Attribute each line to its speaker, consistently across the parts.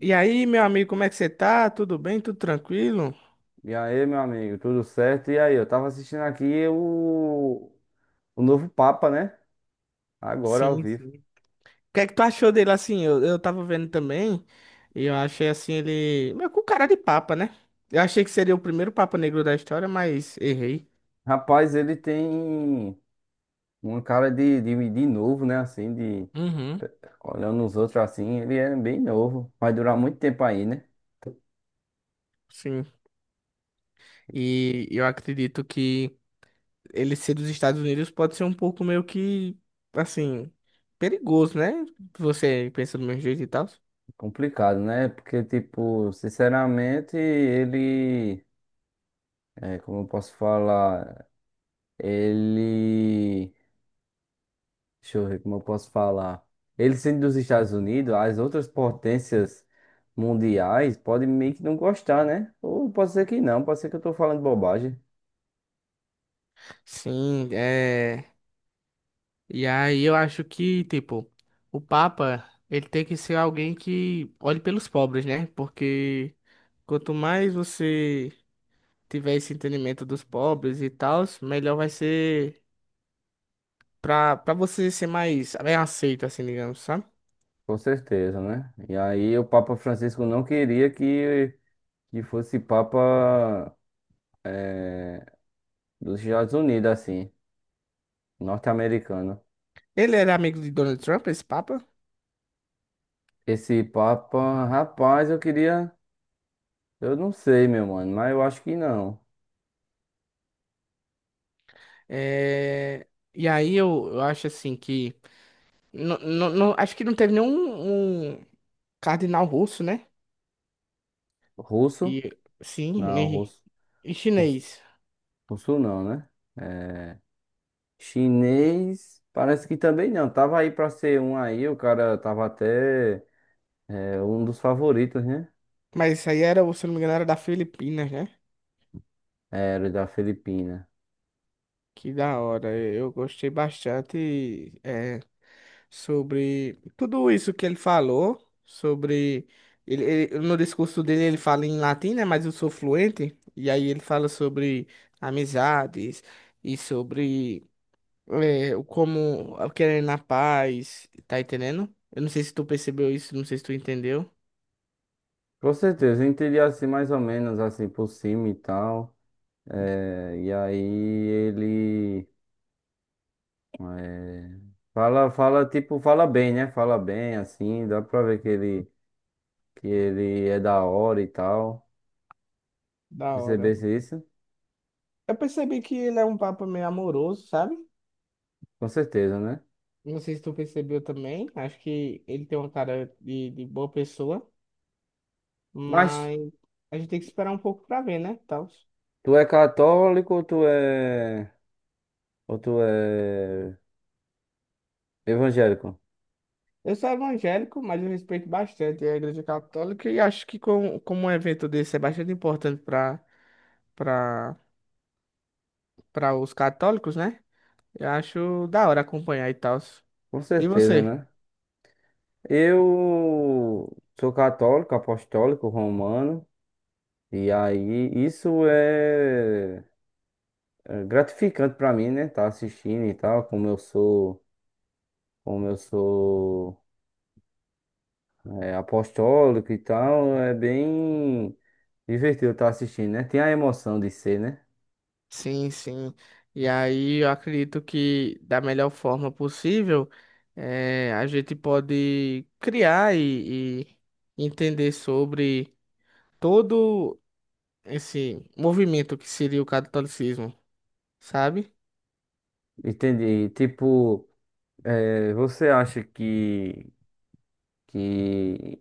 Speaker 1: E aí, meu amigo, como é que você tá? Tudo bem? Tudo tranquilo?
Speaker 2: E aí, meu amigo, tudo certo? E aí, eu tava assistindo aqui o novo Papa, né? Agora ao
Speaker 1: Sim,
Speaker 2: vivo.
Speaker 1: sim. O que é que tu achou dele assim? Eu tava vendo também e eu achei assim ele meio com cara de papa, né? Eu achei que seria o primeiro papa negro da história, mas errei.
Speaker 2: Rapaz, ele tem uma cara de novo, né? Assim, de
Speaker 1: Uhum,
Speaker 2: olhando os outros assim, ele é bem novo. Vai durar muito tempo aí, né?
Speaker 1: sim. E eu acredito que ele ser dos Estados Unidos pode ser um pouco meio que assim perigoso, né? Você pensa do meu jeito e tal.
Speaker 2: Complicado, né? Porque, tipo, sinceramente, ele. É, como eu posso falar? Ele. Deixa eu ver como eu posso falar. Ele sendo dos Estados Unidos, as outras potências mundiais podem meio que não gostar, né? Ou pode ser que não, pode ser que eu tô falando bobagem.
Speaker 1: Sim, é. E aí eu acho que, tipo, o Papa, ele tem que ser alguém que olhe pelos pobres, né? Porque quanto mais você tiver esse entendimento dos pobres e tal, melhor vai ser pra você ser mais bem aceito, assim, digamos, sabe?
Speaker 2: Com certeza, né? E aí o Papa Francisco não queria que fosse Papa dos Estados Unidos, assim, norte-americano.
Speaker 1: Ele era amigo de Donald Trump, esse Papa.
Speaker 2: Esse Papa, rapaz, eu queria. Eu não sei, meu mano, mas eu acho que não.
Speaker 1: É... E aí eu acho assim que. Não, não, acho que não teve nenhum um cardeal russo, né?
Speaker 2: Russo?
Speaker 1: E sim,
Speaker 2: Não,
Speaker 1: nem
Speaker 2: russo.
Speaker 1: e
Speaker 2: Russo,
Speaker 1: chinês.
Speaker 2: russo não, né? É, chinês, parece que também não. Tava aí pra ser um aí, o cara tava até um dos favoritos, né?
Speaker 1: Mas isso aí era, se eu não me engano, era da Filipinas, né?
Speaker 2: É, era da Filipina.
Speaker 1: Que da hora. Eu gostei bastante sobre tudo isso que ele falou, sobre. No discurso dele ele fala em latim, né? Mas eu sou fluente. E aí ele fala sobre amizades e sobre o como eu querer na paz, tá entendendo? Eu não sei se tu percebeu isso, não sei se tu entendeu.
Speaker 2: Com certeza, eu entendi assim mais ou menos assim por cima e tal. É, e aí ele é, fala tipo, fala bem, né? Fala bem assim, dá pra ver que ele é da hora e tal.
Speaker 1: Da hora.
Speaker 2: Percebesse isso?
Speaker 1: Eu percebi que ele é um papo meio amoroso, sabe?
Speaker 2: Com certeza, né?
Speaker 1: Não sei se tu percebeu também. Acho que ele tem uma cara de, boa pessoa,
Speaker 2: Mas
Speaker 1: mas a gente tem que esperar um pouco pra ver, né? Tal.
Speaker 2: tu é católico ou tu é evangélico,
Speaker 1: Eu sou evangélico, mas eu respeito bastante a Igreja Católica e acho que com, como um evento desse é bastante importante para para os católicos, né? Eu acho da hora acompanhar e tal.
Speaker 2: com
Speaker 1: E
Speaker 2: certeza,
Speaker 1: você?
Speaker 2: né? Eu sou católico, apostólico, romano, e aí isso é gratificante pra mim, né? Tá assistindo e tal, como eu sou apostólico e tal, é bem divertido estar assistindo, né? Tem a emoção de ser, né?
Speaker 1: Sim, sim. E aí eu acredito que da melhor forma possível a gente pode criar e entender sobre todo esse movimento que seria o catolicismo, sabe?
Speaker 2: Entendi. Tipo, é, você acha que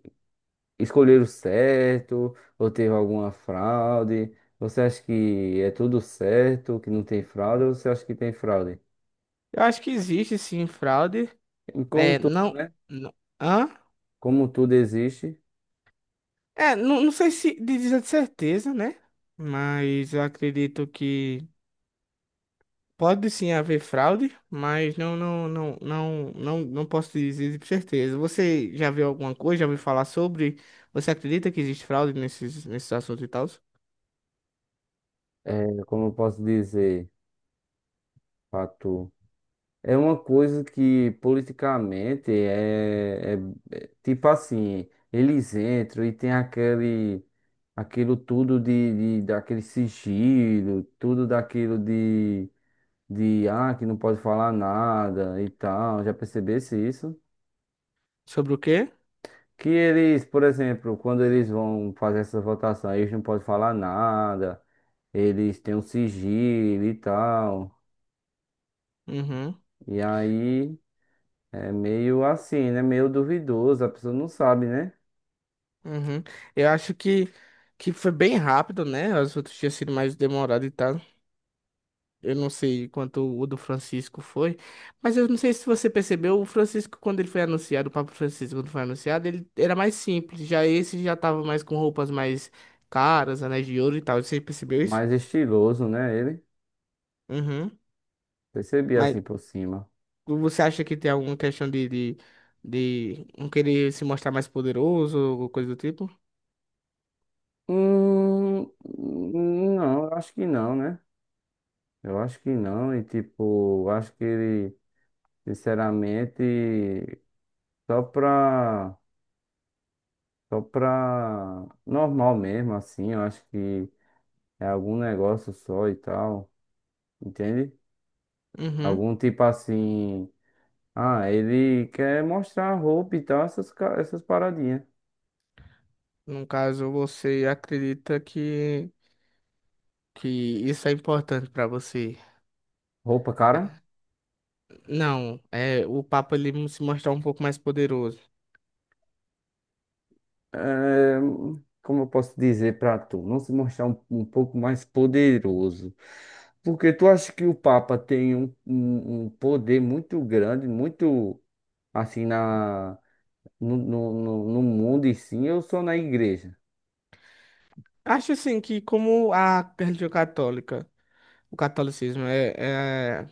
Speaker 2: escolheram certo ou teve alguma fraude? Você acha que é tudo certo, que não tem fraude, ou você acha que tem fraude?
Speaker 1: Eu acho que existe sim fraude.
Speaker 2: E como
Speaker 1: É,
Speaker 2: tudo,
Speaker 1: não,
Speaker 2: né?
Speaker 1: não. Hã?
Speaker 2: Como tudo existe,
Speaker 1: É, não, não sei se dizer de certeza, né? Mas eu acredito que. Pode sim haver fraude, mas não, não, não, não, não, não posso dizer com certeza. Você já viu alguma coisa? Já ouviu falar sobre? Você acredita que existe fraude nesses assuntos e tal?
Speaker 2: eh, como eu posso dizer, fato. É uma coisa que politicamente é tipo assim, eles entram e tem aquele aquilo tudo de daquele sigilo, tudo daquilo de, que não pode falar nada e tal. Já percebesse isso?
Speaker 1: Sobre o quê?
Speaker 2: Que eles, por exemplo, quando eles vão fazer essa votação, eles não podem falar nada, eles têm um sigilo e tal.
Speaker 1: Uhum,
Speaker 2: E aí. É meio assim, né? Meio duvidoso, a pessoa não sabe, né?
Speaker 1: uhum. Eu acho que foi bem rápido, né? As outras tinham sido mais demorado e tal. Eu não sei quanto o do Francisco foi, mas eu não sei se você percebeu, o Francisco, quando ele foi anunciado, o Papa Francisco, quando foi anunciado, ele era mais simples. Já esse já tava mais com roupas mais caras, anéis de ouro e tal. Você percebeu isso?
Speaker 2: Mais estiloso, né? Ele
Speaker 1: Uhum.
Speaker 2: percebi
Speaker 1: Mas
Speaker 2: assim por cima.
Speaker 1: você acha que tem alguma questão de não querer se mostrar mais poderoso ou coisa do tipo?
Speaker 2: Hum, não, eu acho que não, né? Eu acho que não, e tipo, eu acho que ele, sinceramente, só pra, só pra normal mesmo, assim, eu acho que é algum negócio só e tal, entende?
Speaker 1: Uhum.
Speaker 2: Algum tipo assim, ah, ele quer mostrar a roupa e tal, essas, essas paradinhas.
Speaker 1: No caso, você acredita que isso é importante pra você?
Speaker 2: Roupa cara?
Speaker 1: Não, é o Papa ele se mostrar um pouco mais poderoso.
Speaker 2: É, como eu posso dizer para tu? Não se mostrar um pouco mais poderoso. Porque tu acha que o Papa tem um poder muito grande, muito assim na, no no mundo e sim, eu sou na igreja.
Speaker 1: Acho assim que como a religião católica, o catolicismo é,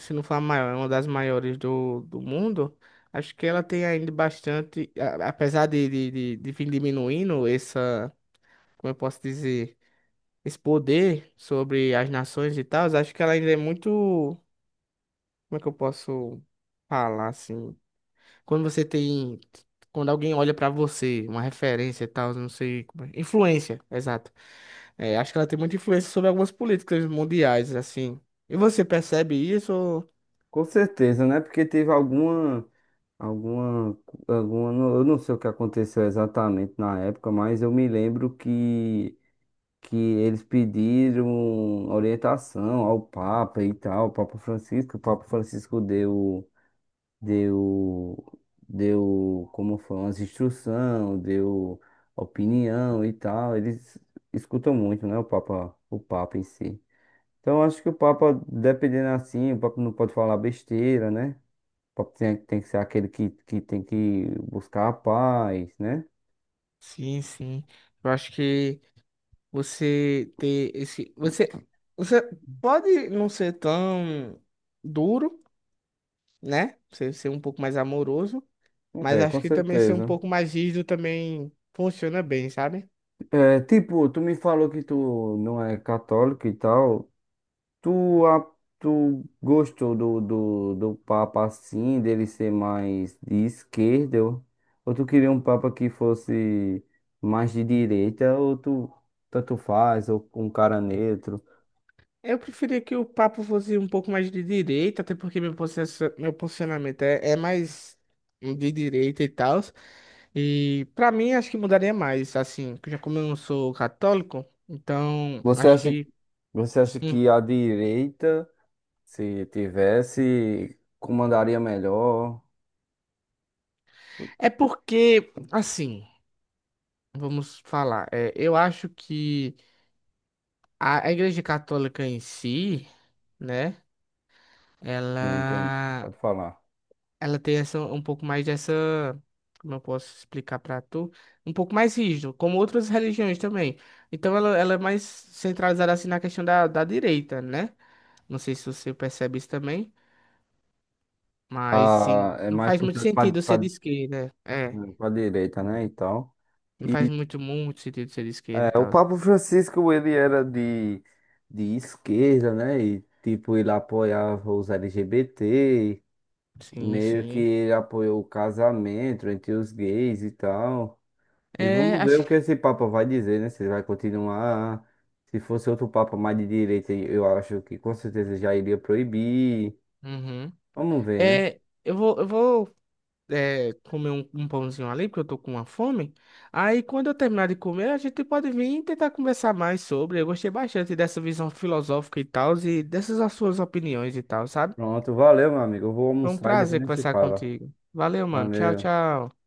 Speaker 1: se não for a maior, é uma das maiores do mundo, acho que ela tem ainda bastante, a- apesar de vir diminuindo essa, como eu posso dizer, esse poder sobre as nações e tal, acho que ela ainda é muito, como é que eu posso falar assim? Quando você tem. Quando alguém olha pra você, uma referência e tal, não sei como é. Influência, exato. É, acho que ela tem muita influência sobre algumas políticas mundiais, assim. E você percebe isso? ou-
Speaker 2: Com certeza, né? Porque teve alguma, alguma, eu não sei o que aconteceu exatamente na época, mas eu me lembro que eles pediram orientação ao Papa e tal, ao Papa Francisco. O Papa Francisco deu, deu, como foi, umas instrução, deu opinião e tal. Eles escutam muito, né, o Papa em si. Então, eu acho que o Papa, dependendo assim, o Papa não pode falar besteira, né? O Papa tem, tem que ser aquele que tem que buscar a paz, né?
Speaker 1: Sim, sim. Eu acho que você ter esse. Você pode não ser tão duro, né? Você ser um pouco mais amoroso, mas
Speaker 2: É, com
Speaker 1: acho que também ser um
Speaker 2: certeza.
Speaker 1: pouco mais rígido também funciona bem, sabe?
Speaker 2: É, tipo, tu me falou que tu não é católico e tal. Tu, a- Tu gostou do Papa assim, dele ser mais de esquerda? Ou tu queria um Papa que fosse mais de direita? Ou tu tanto faz, ou um cara neutro?
Speaker 1: Eu preferia que o papo fosse um pouco mais de direita, até porque meu, posiciona- meu posicionamento é mais de direita e tal. E pra mim, acho que mudaria mais, assim, já como eu não sou católico, então
Speaker 2: Você
Speaker 1: acho
Speaker 2: acha,
Speaker 1: que.
Speaker 2: você acha
Speaker 1: Hum.
Speaker 2: que a direita, se tivesse, comandaria melhor?
Speaker 1: É porque, assim, vamos falar, é, eu acho que a Igreja Católica em si, né,
Speaker 2: Sim, entende?
Speaker 1: ela.
Speaker 2: Pode falar.
Speaker 1: Ela tem essa um pouco mais dessa, como eu posso explicar pra tu, um pouco mais rígido, como outras religiões também. Então ela é mais centralizada assim na questão da direita, né? Não sei se você percebe isso também, mas assim,
Speaker 2: Ah, é
Speaker 1: não
Speaker 2: mais
Speaker 1: faz muito
Speaker 2: puxado
Speaker 1: sentido ser de esquerda. É,
Speaker 2: pra direita, né? E tal.
Speaker 1: não faz muito sentido ser de esquerda e
Speaker 2: É, o
Speaker 1: tal.
Speaker 2: Papa Francisco, ele era de esquerda, né? E, tipo, ele apoiava os LGBT,
Speaker 1: Sim,
Speaker 2: meio que
Speaker 1: sim.
Speaker 2: ele apoiou o casamento entre os gays e tal. E
Speaker 1: É,
Speaker 2: vamos ver o
Speaker 1: acho.
Speaker 2: que esse Papa vai dizer, né? Se ele vai continuar. Se fosse outro Papa mais de direita, eu acho que com certeza já iria proibir.
Speaker 1: Uhum.
Speaker 2: Vamos ver, né?
Speaker 1: É, eu vou comer um pãozinho ali, porque eu tô com uma fome. Aí, quando eu terminar de comer, a gente pode vir e tentar conversar mais sobre. Eu gostei bastante dessa visão filosófica e tal, e dessas as suas opiniões e tal, sabe?
Speaker 2: Pronto, valeu, meu amigo. Eu vou
Speaker 1: Foi um
Speaker 2: almoçar e depois
Speaker 1: prazer
Speaker 2: a gente se
Speaker 1: conversar
Speaker 2: fala.
Speaker 1: contigo. Valeu, mano. Tchau,
Speaker 2: Valeu.
Speaker 1: tchau.